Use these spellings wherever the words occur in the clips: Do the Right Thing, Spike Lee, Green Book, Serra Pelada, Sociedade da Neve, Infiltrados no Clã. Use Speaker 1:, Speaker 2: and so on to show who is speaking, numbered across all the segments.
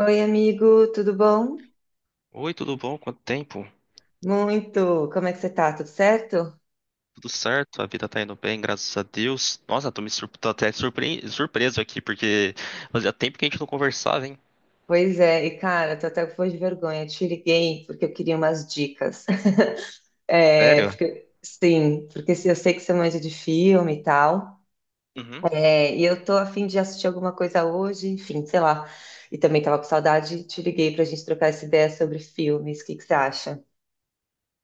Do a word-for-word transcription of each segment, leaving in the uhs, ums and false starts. Speaker 1: Oi, amigo, tudo bom?
Speaker 2: Oi, tudo bom? Quanto tempo?
Speaker 1: Muito. Como é que você tá? Tudo certo?
Speaker 2: Tudo certo? A vida tá indo bem, graças a Deus. Nossa, tô me surp- tô até surpre- surpreso aqui, porque fazia tempo que a gente não conversava, hein?
Speaker 1: Pois é, e cara, tô até com foi de vergonha. Eu te liguei porque eu queria umas dicas. É,
Speaker 2: Sério?
Speaker 1: porque, sim, porque se- eu sei que você manja de filme e tal.
Speaker 2: Uhum.
Speaker 1: É, e eu tô a fim de assistir alguma coisa hoje, enfim, sei lá. E também tava com saudade, te liguei pra gente trocar essa ideia sobre filmes. O que que você acha?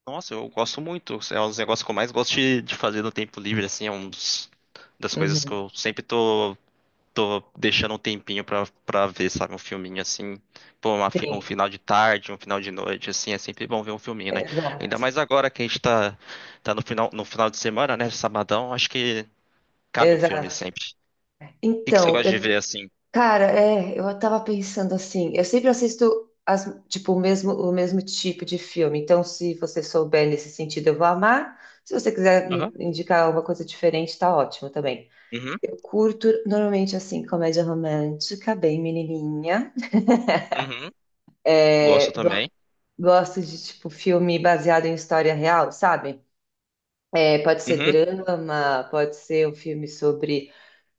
Speaker 2: Nossa, eu gosto muito. É um dos negócios que eu mais gosto de, de fazer no tempo livre, assim, é um dos, das coisas que
Speaker 1: Uhum.
Speaker 2: eu sempre tô, tô deixando um tempinho pra, pra ver, sabe? Um filminho assim. Pô, uma fi- um
Speaker 1: Sim,
Speaker 2: final de tarde, um final de noite, assim, é sempre bom ver um filminho, né? Ainda
Speaker 1: exato.
Speaker 2: mais agora que a gente tá, tá no final, no final de semana, né? Sabadão, acho que. Cabe um filme
Speaker 1: Exato.
Speaker 2: sempre. O que que você
Speaker 1: Então,
Speaker 2: gosta de ver
Speaker 1: eu
Speaker 2: assim?
Speaker 1: cara, é, eu tava pensando assim, eu sempre assisto as, tipo, o mesmo, o mesmo tipo de filme, então se você souber nesse sentido eu vou amar, se você quiser
Speaker 2: Aham.
Speaker 1: me indicar alguma coisa diferente, tá ótimo também.
Speaker 2: Uhum,
Speaker 1: Eu curto normalmente assim, comédia romântica, bem menininha.
Speaker 2: uhum, gosto
Speaker 1: É, go-
Speaker 2: também.
Speaker 1: Gosto de tipo filme baseado em história real, sabe? É, pode ser
Speaker 2: Uhum,
Speaker 1: drama, pode ser um filme sobre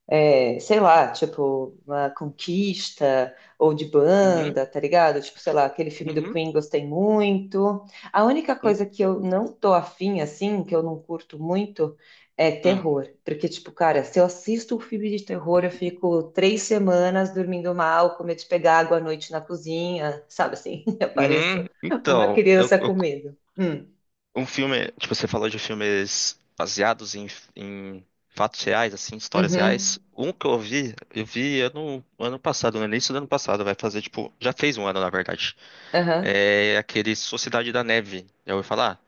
Speaker 1: é, sei lá, tipo, uma conquista ou de
Speaker 2: uhum,
Speaker 1: banda, tá ligado? Tipo, sei lá, aquele filme do
Speaker 2: uhum,
Speaker 1: Queen gostei muito. A única
Speaker 2: uhum,
Speaker 1: coisa que eu não tô afim, assim, que eu não curto muito, é
Speaker 2: uhum.
Speaker 1: terror. Porque, tipo, cara, se eu assisto um filme de terror, eu fico três semanas dormindo mal, com medo de pegar água à noite na cozinha, sabe assim? Eu
Speaker 2: Uhum.
Speaker 1: pareço uma
Speaker 2: Então, eu,
Speaker 1: criança com
Speaker 2: eu-
Speaker 1: medo. Hum,
Speaker 2: um filme, tipo, você falou de filmes baseados em, em fatos reais, assim, histórias reais.
Speaker 1: uhum,
Speaker 2: Um que eu vi, eu vi ano, ano passado, no início do ano passado, vai fazer, tipo, já fez um ano, na verdade.
Speaker 1: aham.
Speaker 2: É aquele Sociedade da Neve, já ouviu falar?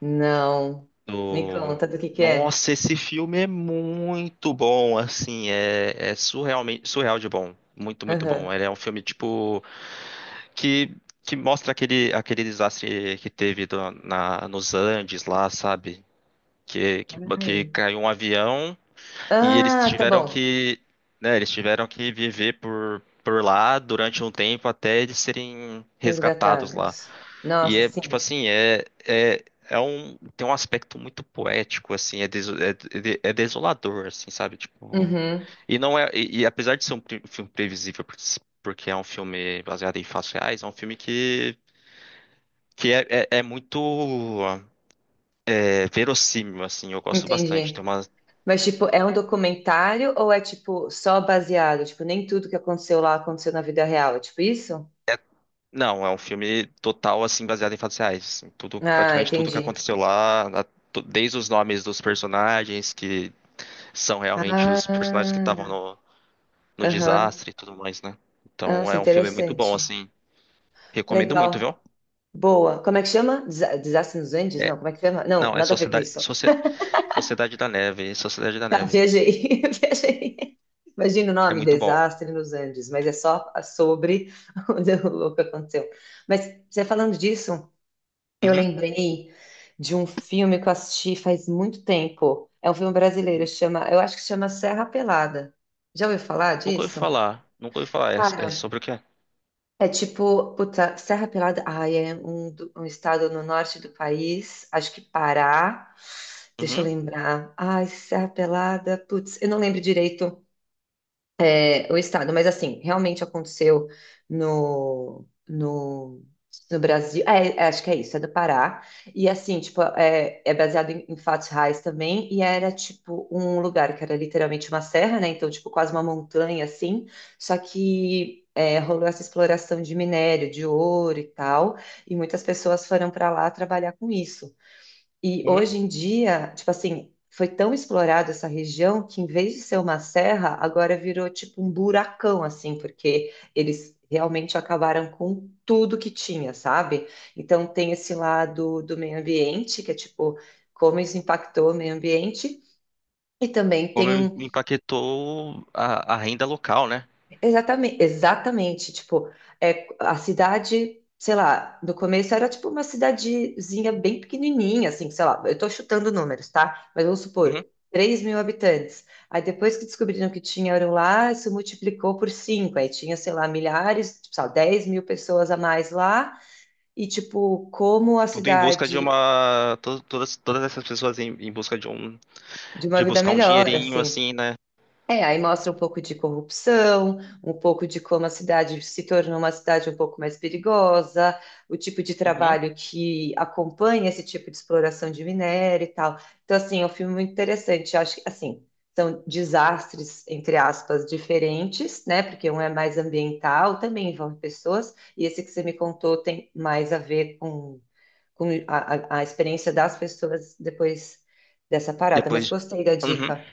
Speaker 1: Não. Me
Speaker 2: Do...
Speaker 1: conta do que que é.
Speaker 2: Nossa, esse filme é muito bom, assim, é, é surrealmente, surreal de bom, muito, muito bom.
Speaker 1: Aham.
Speaker 2: Ele é um filme, tipo, que, que mostra aquele, aquele desastre que teve do- na, nos Andes lá, sabe? Que, que, que
Speaker 1: Ai.
Speaker 2: caiu um avião e eles
Speaker 1: Ah, tá
Speaker 2: tiveram
Speaker 1: bom.
Speaker 2: que, né, eles tiveram que viver por, por lá durante um tempo até eles serem resgatados lá.
Speaker 1: Resgatados.
Speaker 2: E
Speaker 1: Nossa,
Speaker 2: é, tipo
Speaker 1: sim.
Speaker 2: assim, é, é, é um, tem um aspecto muito poético, assim, é, deso- é, é de- é desolador, assim, sabe? Tipo,
Speaker 1: Uhum,
Speaker 2: e não é, e, e apesar de ser um pre- filme previsível, por- porque é um filme baseado em fatos reais, é um filme que, que é, é, é muito é, verossímil, assim, eu gosto bastante. Tem
Speaker 1: entendi.
Speaker 2: uma,
Speaker 1: Mas, tipo, é um documentário ou é, tipo, só baseado? Tipo, nem tudo que aconteceu lá aconteceu na vida real. É tipo isso?
Speaker 2: não, é um filme total, assim, baseado em fatos reais, assim, tudo,
Speaker 1: Ah,
Speaker 2: praticamente tudo que
Speaker 1: entendi.
Speaker 2: aconteceu lá, na- to- desde os nomes dos personagens, que são realmente os personagens que
Speaker 1: Ah,
Speaker 2: estavam no no
Speaker 1: aham.
Speaker 2: desastre e tudo mais, né? Então
Speaker 1: Nossa,
Speaker 2: é um filme muito bom,
Speaker 1: interessante.
Speaker 2: assim. Recomendo muito, viu?
Speaker 1: Legal. Boa. Como é que chama? Desa- Desastre nos Andes?
Speaker 2: É,
Speaker 1: Não, como é que chama? Não,
Speaker 2: não, é
Speaker 1: nada a ver com
Speaker 2: Sociedade,
Speaker 1: isso.
Speaker 2: Socie- Sociedade da Neve, é Sociedade da
Speaker 1: Tá,
Speaker 2: Neve.
Speaker 1: viajei. Viajei. Imagina o
Speaker 2: É
Speaker 1: nome,
Speaker 2: muito bom.
Speaker 1: Desastre nos Andes, mas é só sobre o que aconteceu. Mas você falando disso, eu
Speaker 2: Uhum.
Speaker 1: lembrei de um filme que eu assisti faz muito tempo. É um filme brasileiro, chama, eu acho que chama Serra Pelada. Já ouviu falar
Speaker 2: Nunca ouvi
Speaker 1: disso?
Speaker 2: falar, nunca ouvi falar. É, é
Speaker 1: Cara,
Speaker 2: sobre o quê?
Speaker 1: é tipo, puta, Serra Pelada, ai, é um, do- um estado no norte do país, acho que Pará. Deixa eu
Speaker 2: Uhum.
Speaker 1: lembrar. Ai, Serra Pelada, putz, eu não lembro direito é, o estado. Mas, assim, realmente aconteceu no, no, no Brasil. É, é, acho que é isso, é do Pará. E, assim, tipo, é, é baseado em, em fatos reais também. E era, tipo, um lugar que era literalmente uma serra, né? Então, tipo, quase uma montanha, assim. Só que é, rolou essa exploração de minério, de ouro e tal. E muitas pessoas foram para lá trabalhar com isso. E
Speaker 2: Uhum.
Speaker 1: hoje em dia, tipo assim, foi tão explorado essa região que em vez de ser uma serra, agora virou tipo um buracão, assim, porque eles realmente acabaram com tudo que tinha, sabe? Então tem esse lado do meio ambiente, que é tipo, como isso impactou o meio ambiente, e também
Speaker 2: Como
Speaker 1: tem um.
Speaker 2: empaquetou a, a renda local, né?
Speaker 1: Exatamente, exatamente. Tipo, é, a cidade, sei lá, no começo era tipo uma cidadezinha bem pequenininha, assim, sei lá, eu tô chutando números, tá? Mas vamos
Speaker 2: Uhum.
Speaker 1: supor, três mil habitantes. Aí depois que descobriram que tinha eram lá, isso multiplicou por cinco. Aí tinha, sei lá, milhares, tipo, sei lá, 10 mil pessoas a mais lá. E, tipo, como a
Speaker 2: Tudo em busca de
Speaker 1: cidade
Speaker 2: uma. to- Todas, todas essas pessoas em, em busca de um.
Speaker 1: de uma
Speaker 2: De
Speaker 1: vida
Speaker 2: buscar um
Speaker 1: melhor,
Speaker 2: dinheirinho,
Speaker 1: assim.
Speaker 2: assim, né?
Speaker 1: É, aí mostra um pouco de corrupção, um pouco de como a cidade se tornou uma cidade um pouco mais perigosa, o tipo de
Speaker 2: Uhum.
Speaker 1: trabalho que acompanha esse tipo de exploração de minério e tal. Então, assim, é um filme muito interessante. Eu acho que, assim, são desastres, entre aspas, diferentes, né? Porque um é mais ambiental, também envolve pessoas, e esse que você me contou tem mais a ver com, com a, a a experiência das pessoas depois dessa parada. Mas
Speaker 2: Depois.
Speaker 1: gostei da
Speaker 2: Uhum.
Speaker 1: dica.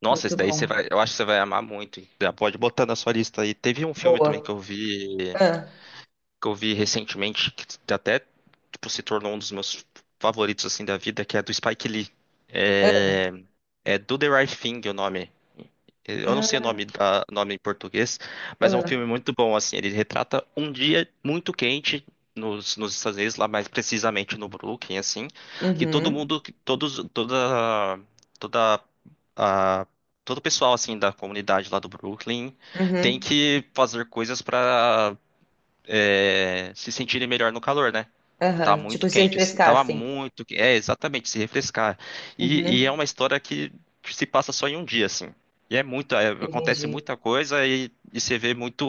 Speaker 2: Nossa, esse
Speaker 1: Muito
Speaker 2: daí você
Speaker 1: bom.
Speaker 2: vai, eu acho que você vai amar muito, hein? Já pode botar na sua lista aí. Teve um filme também que
Speaker 1: Boa.
Speaker 2: eu vi,
Speaker 1: Ah,
Speaker 2: que eu vi recentemente, que até tipo, se tornou um dos meus favoritos assim da vida, que é do Spike Lee.
Speaker 1: ah,
Speaker 2: É, é Do the Right Thing, o nome. Eu não sei o
Speaker 1: ah,
Speaker 2: nome da nome em português, mas é um
Speaker 1: ah.
Speaker 2: filme muito bom, assim. Ele retrata um dia muito quente nos, nos Estados Unidos, lá mais precisamente no Brooklyn, assim, que todo
Speaker 1: Uhum,
Speaker 2: mundo, todos, toda, toda a- todo o pessoal assim da comunidade lá do Brooklyn tem
Speaker 1: uhum,
Speaker 2: que fazer coisas para é, se sentirem melhor no calor, né? Porque tá
Speaker 1: aham.
Speaker 2: muito
Speaker 1: Tipo, se
Speaker 2: quente, assim,
Speaker 1: refrescar,
Speaker 2: tava
Speaker 1: assim.
Speaker 2: muito. que- É, exatamente, se refrescar. E, e é
Speaker 1: Uhum,
Speaker 2: uma história que se passa só em um dia, assim. E é muito, é, acontece
Speaker 1: entendi.
Speaker 2: muita coisa e, e você vê muito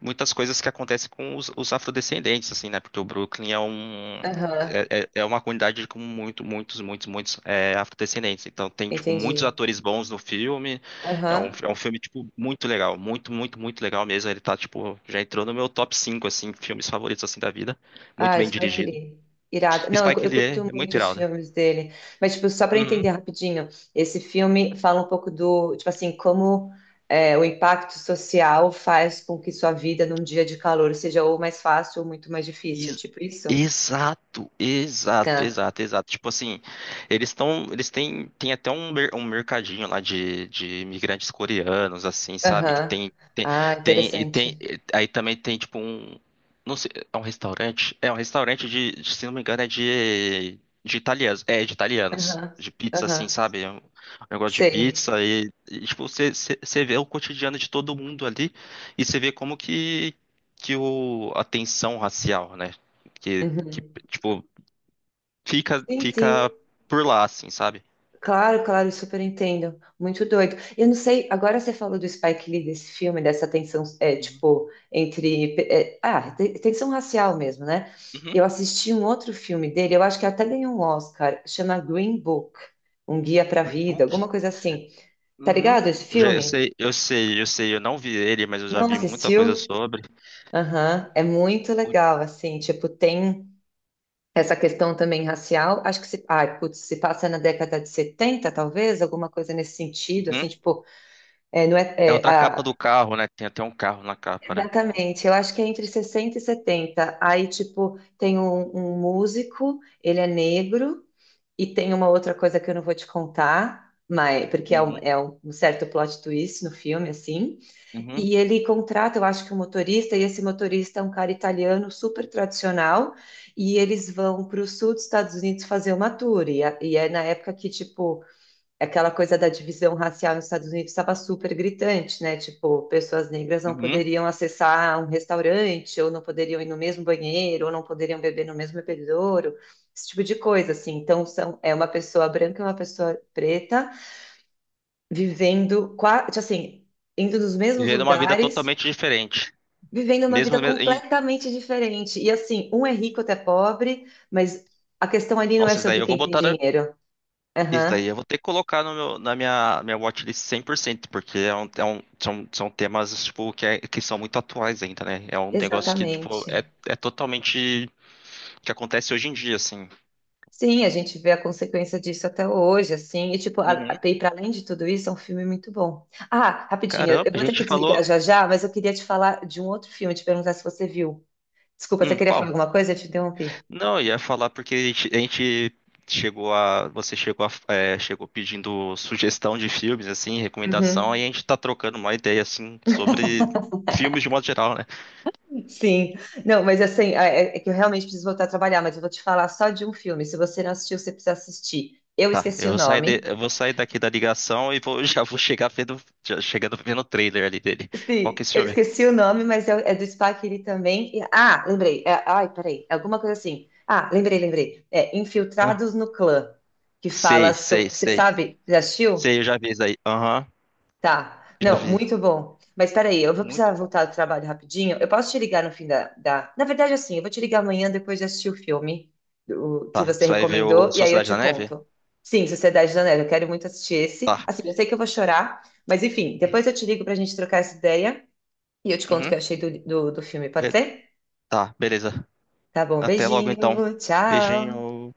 Speaker 2: muitas coisas que acontecem com os, os afrodescendentes, assim, né? Porque o Brooklyn é um
Speaker 1: Aham,
Speaker 2: é, é- é uma comunidade com muito, muitos, muitos, muitos é, afrodescendentes. Então tem, tipo, muitos
Speaker 1: entendi.
Speaker 2: atores bons no filme. É um,
Speaker 1: Aham.
Speaker 2: é um filme, tipo, muito legal. Muito, muito, muito legal mesmo. Ele tá, tipo, já entrou no meu top cinco assim, filmes favoritos, assim, da vida. Muito
Speaker 1: Ah,
Speaker 2: bem
Speaker 1: Spike
Speaker 2: dirigido.
Speaker 1: Lee. Irado. Não, eu,
Speaker 2: Spike
Speaker 1: eu
Speaker 2: Lee é
Speaker 1: curto
Speaker 2: é muito
Speaker 1: muito os
Speaker 2: irado.
Speaker 1: filmes dele. Mas, tipo, só para entender
Speaker 2: Uhum.
Speaker 1: rapidinho, esse filme fala um pouco do, tipo assim, como é, o impacto social faz com que sua vida num dia de calor seja ou mais fácil ou muito mais difícil. Tipo isso?
Speaker 2: Exato, exato,
Speaker 1: Tá.
Speaker 2: exato, exato. Tipo assim, eles estão, eles têm, tem até um, mer- um mercadinho lá de, de imigrantes coreanos, assim, sabe? Que
Speaker 1: Aham.
Speaker 2: tem
Speaker 1: Ah,
Speaker 2: tem, e tem,
Speaker 1: interessante.
Speaker 2: aí também tem tipo um, não sei, é um restaurante, é um restaurante, de, de, se não me engano, é de, de italianos, é de italianos,
Speaker 1: Aham,
Speaker 2: de pizza
Speaker 1: aham,
Speaker 2: assim, sabe? É Um um negócio de
Speaker 1: sei.
Speaker 2: pizza e, e, tipo, você você- você vê o cotidiano de todo mundo ali e você vê como que que o a tensão racial, né? Que, que
Speaker 1: Uhum.
Speaker 2: tipo, fica
Speaker 1: Sim, sim,
Speaker 2: fica por lá assim, sabe?
Speaker 1: claro, claro, super entendo. Muito doido. Eu não sei, agora você falou do Spike Lee, desse filme, dessa tensão, é,
Speaker 2: Sim.
Speaker 1: tipo, entre. É, ah, te- tensão racial mesmo, né?
Speaker 2: Uhum.
Speaker 1: Eu assisti um outro filme dele, eu acho que até ganhou um Oscar, chama Green Book, Um Guia para a
Speaker 2: Green
Speaker 1: Vida,
Speaker 2: Book?
Speaker 1: alguma coisa assim. Tá
Speaker 2: Uhum.
Speaker 1: ligado esse
Speaker 2: Já, eu
Speaker 1: filme?
Speaker 2: sei, eu sei, eu sei, eu não vi ele, mas eu já
Speaker 1: Não
Speaker 2: vi muita coisa
Speaker 1: assistiu?
Speaker 2: sobre.
Speaker 1: Aham, é muito
Speaker 2: Muito-
Speaker 1: legal, assim, tipo, tem. Essa questão também racial, acho que se, ai, putz, se passa na década de setenta talvez, alguma coisa nesse sentido, assim,
Speaker 2: Uhum.
Speaker 1: tipo, é, não é,
Speaker 2: É
Speaker 1: é,
Speaker 2: outra capa
Speaker 1: a-
Speaker 2: do carro, né? Tem até um carro na capa, né?
Speaker 1: exatamente, eu acho que é entre sessenta e setenta aí, tipo, tem um, um músico, ele é negro, e tem uma outra coisa que eu não vou te contar, mas, porque é um,
Speaker 2: Uhum.
Speaker 1: é um um certo plot twist no filme, assim,
Speaker 2: Uhum.
Speaker 1: e ele contrata, eu acho que um motorista, e esse motorista é um cara italiano super tradicional, e eles vão para o sul dos Estados Unidos fazer uma tour. E, a- e é na época que, tipo, aquela coisa da divisão racial nos Estados Unidos estava super gritante, né? Tipo, pessoas negras não
Speaker 2: Uhum.
Speaker 1: poderiam acessar um restaurante, ou não poderiam ir no mesmo banheiro, ou não poderiam beber no mesmo bebedouro, esse tipo de coisa, assim. Então, são, é uma pessoa branca e uma pessoa preta vivendo, qua- assim, indo nos mesmos
Speaker 2: Vivendo uma vida
Speaker 1: lugares
Speaker 2: totalmente diferente.
Speaker 1: vivendo uma vida
Speaker 2: Mesmo, mesmo em-
Speaker 1: completamente diferente. E assim, um é rico, outro é pobre, mas a questão ali não é
Speaker 2: Nossa, isso daí
Speaker 1: sobre
Speaker 2: eu vou
Speaker 1: quem tem
Speaker 2: botar. na-
Speaker 1: dinheiro.
Speaker 2: isso daí
Speaker 1: Aham,
Speaker 2: eu vou ter que colocar no meu- na minha, minha watchlist cem por cento, porque é um, é um- são, são temas tipo, que, é- que são muito atuais ainda, né? É um negócio que tipo,
Speaker 1: exatamente.
Speaker 2: é, é totalmente que acontece hoje em dia, assim.
Speaker 1: Sim, a gente vê a consequência disso até hoje, assim, e tipo, a,
Speaker 2: Uhum.
Speaker 1: a, e para além de tudo isso, é um filme muito bom. Ah, rapidinho,
Speaker 2: Caramba,
Speaker 1: eu
Speaker 2: a
Speaker 1: vou ter
Speaker 2: gente
Speaker 1: que desligar
Speaker 2: falou.
Speaker 1: já já, mas eu queria te falar de um outro filme, te perguntar se você viu. Desculpa, você
Speaker 2: Hum,
Speaker 1: queria falar
Speaker 2: qual?
Speaker 1: alguma coisa? Eu te interrompi.
Speaker 2: Não, eu ia falar porque a gente, a gente chegou a. Você chegou a, é, chegou pedindo sugestão de filmes, assim, recomendação, e
Speaker 1: Uhum.
Speaker 2: a gente tá trocando uma ideia, assim, sobre filmes de modo geral, né?
Speaker 1: Sim, não, mas assim, é, é que eu realmente preciso voltar a trabalhar, mas eu vou te falar só de um filme. Se você não assistiu, você precisa assistir. Eu
Speaker 2: Tá,
Speaker 1: esqueci
Speaker 2: eu
Speaker 1: o
Speaker 2: vou sair, de-
Speaker 1: nome.
Speaker 2: eu vou sair daqui da ligação e vou, já vou chegar vendo, já chegando vendo o trailer ali dele. Qual que é
Speaker 1: Sim,
Speaker 2: esse
Speaker 1: eu
Speaker 2: filme?
Speaker 1: esqueci o nome, mas é, é do Spike Lee também. E- ah, lembrei. É, ai, peraí, é alguma coisa assim. Ah, lembrei, lembrei. É
Speaker 2: Hã?
Speaker 1: Infiltrados no Clã, que fala
Speaker 2: Sei,
Speaker 1: sobre.
Speaker 2: sei,
Speaker 1: Você
Speaker 2: sei.
Speaker 1: sabe? Já assistiu?
Speaker 2: Sei, eu já vi isso aí. Aham,
Speaker 1: Tá.
Speaker 2: já
Speaker 1: Não,
Speaker 2: vi.
Speaker 1: muito bom. Mas peraí, eu vou precisar
Speaker 2: Muito bom.
Speaker 1: voltar do trabalho rapidinho. Eu posso te ligar no fim da, da... Na verdade, assim, eu vou te ligar amanhã depois de assistir o filme do- que
Speaker 2: Tá,
Speaker 1: você
Speaker 2: você vai ver o
Speaker 1: recomendou, e aí eu
Speaker 2: Sociedade
Speaker 1: te
Speaker 2: da Neve?
Speaker 1: conto. Sim, Sociedade da Neve, eu quero muito assistir esse.
Speaker 2: Tá.
Speaker 1: Assim, eu sei que eu vou chorar, mas enfim, depois eu te ligo pra gente trocar essa ideia e eu te conto o que
Speaker 2: Uhum.
Speaker 1: eu achei do, do, do filme, pode
Speaker 2: Be-
Speaker 1: ser?
Speaker 2: Tá, beleza.
Speaker 1: Tá bom,
Speaker 2: Até logo então.
Speaker 1: beijinho, tchau!
Speaker 2: Beijinho.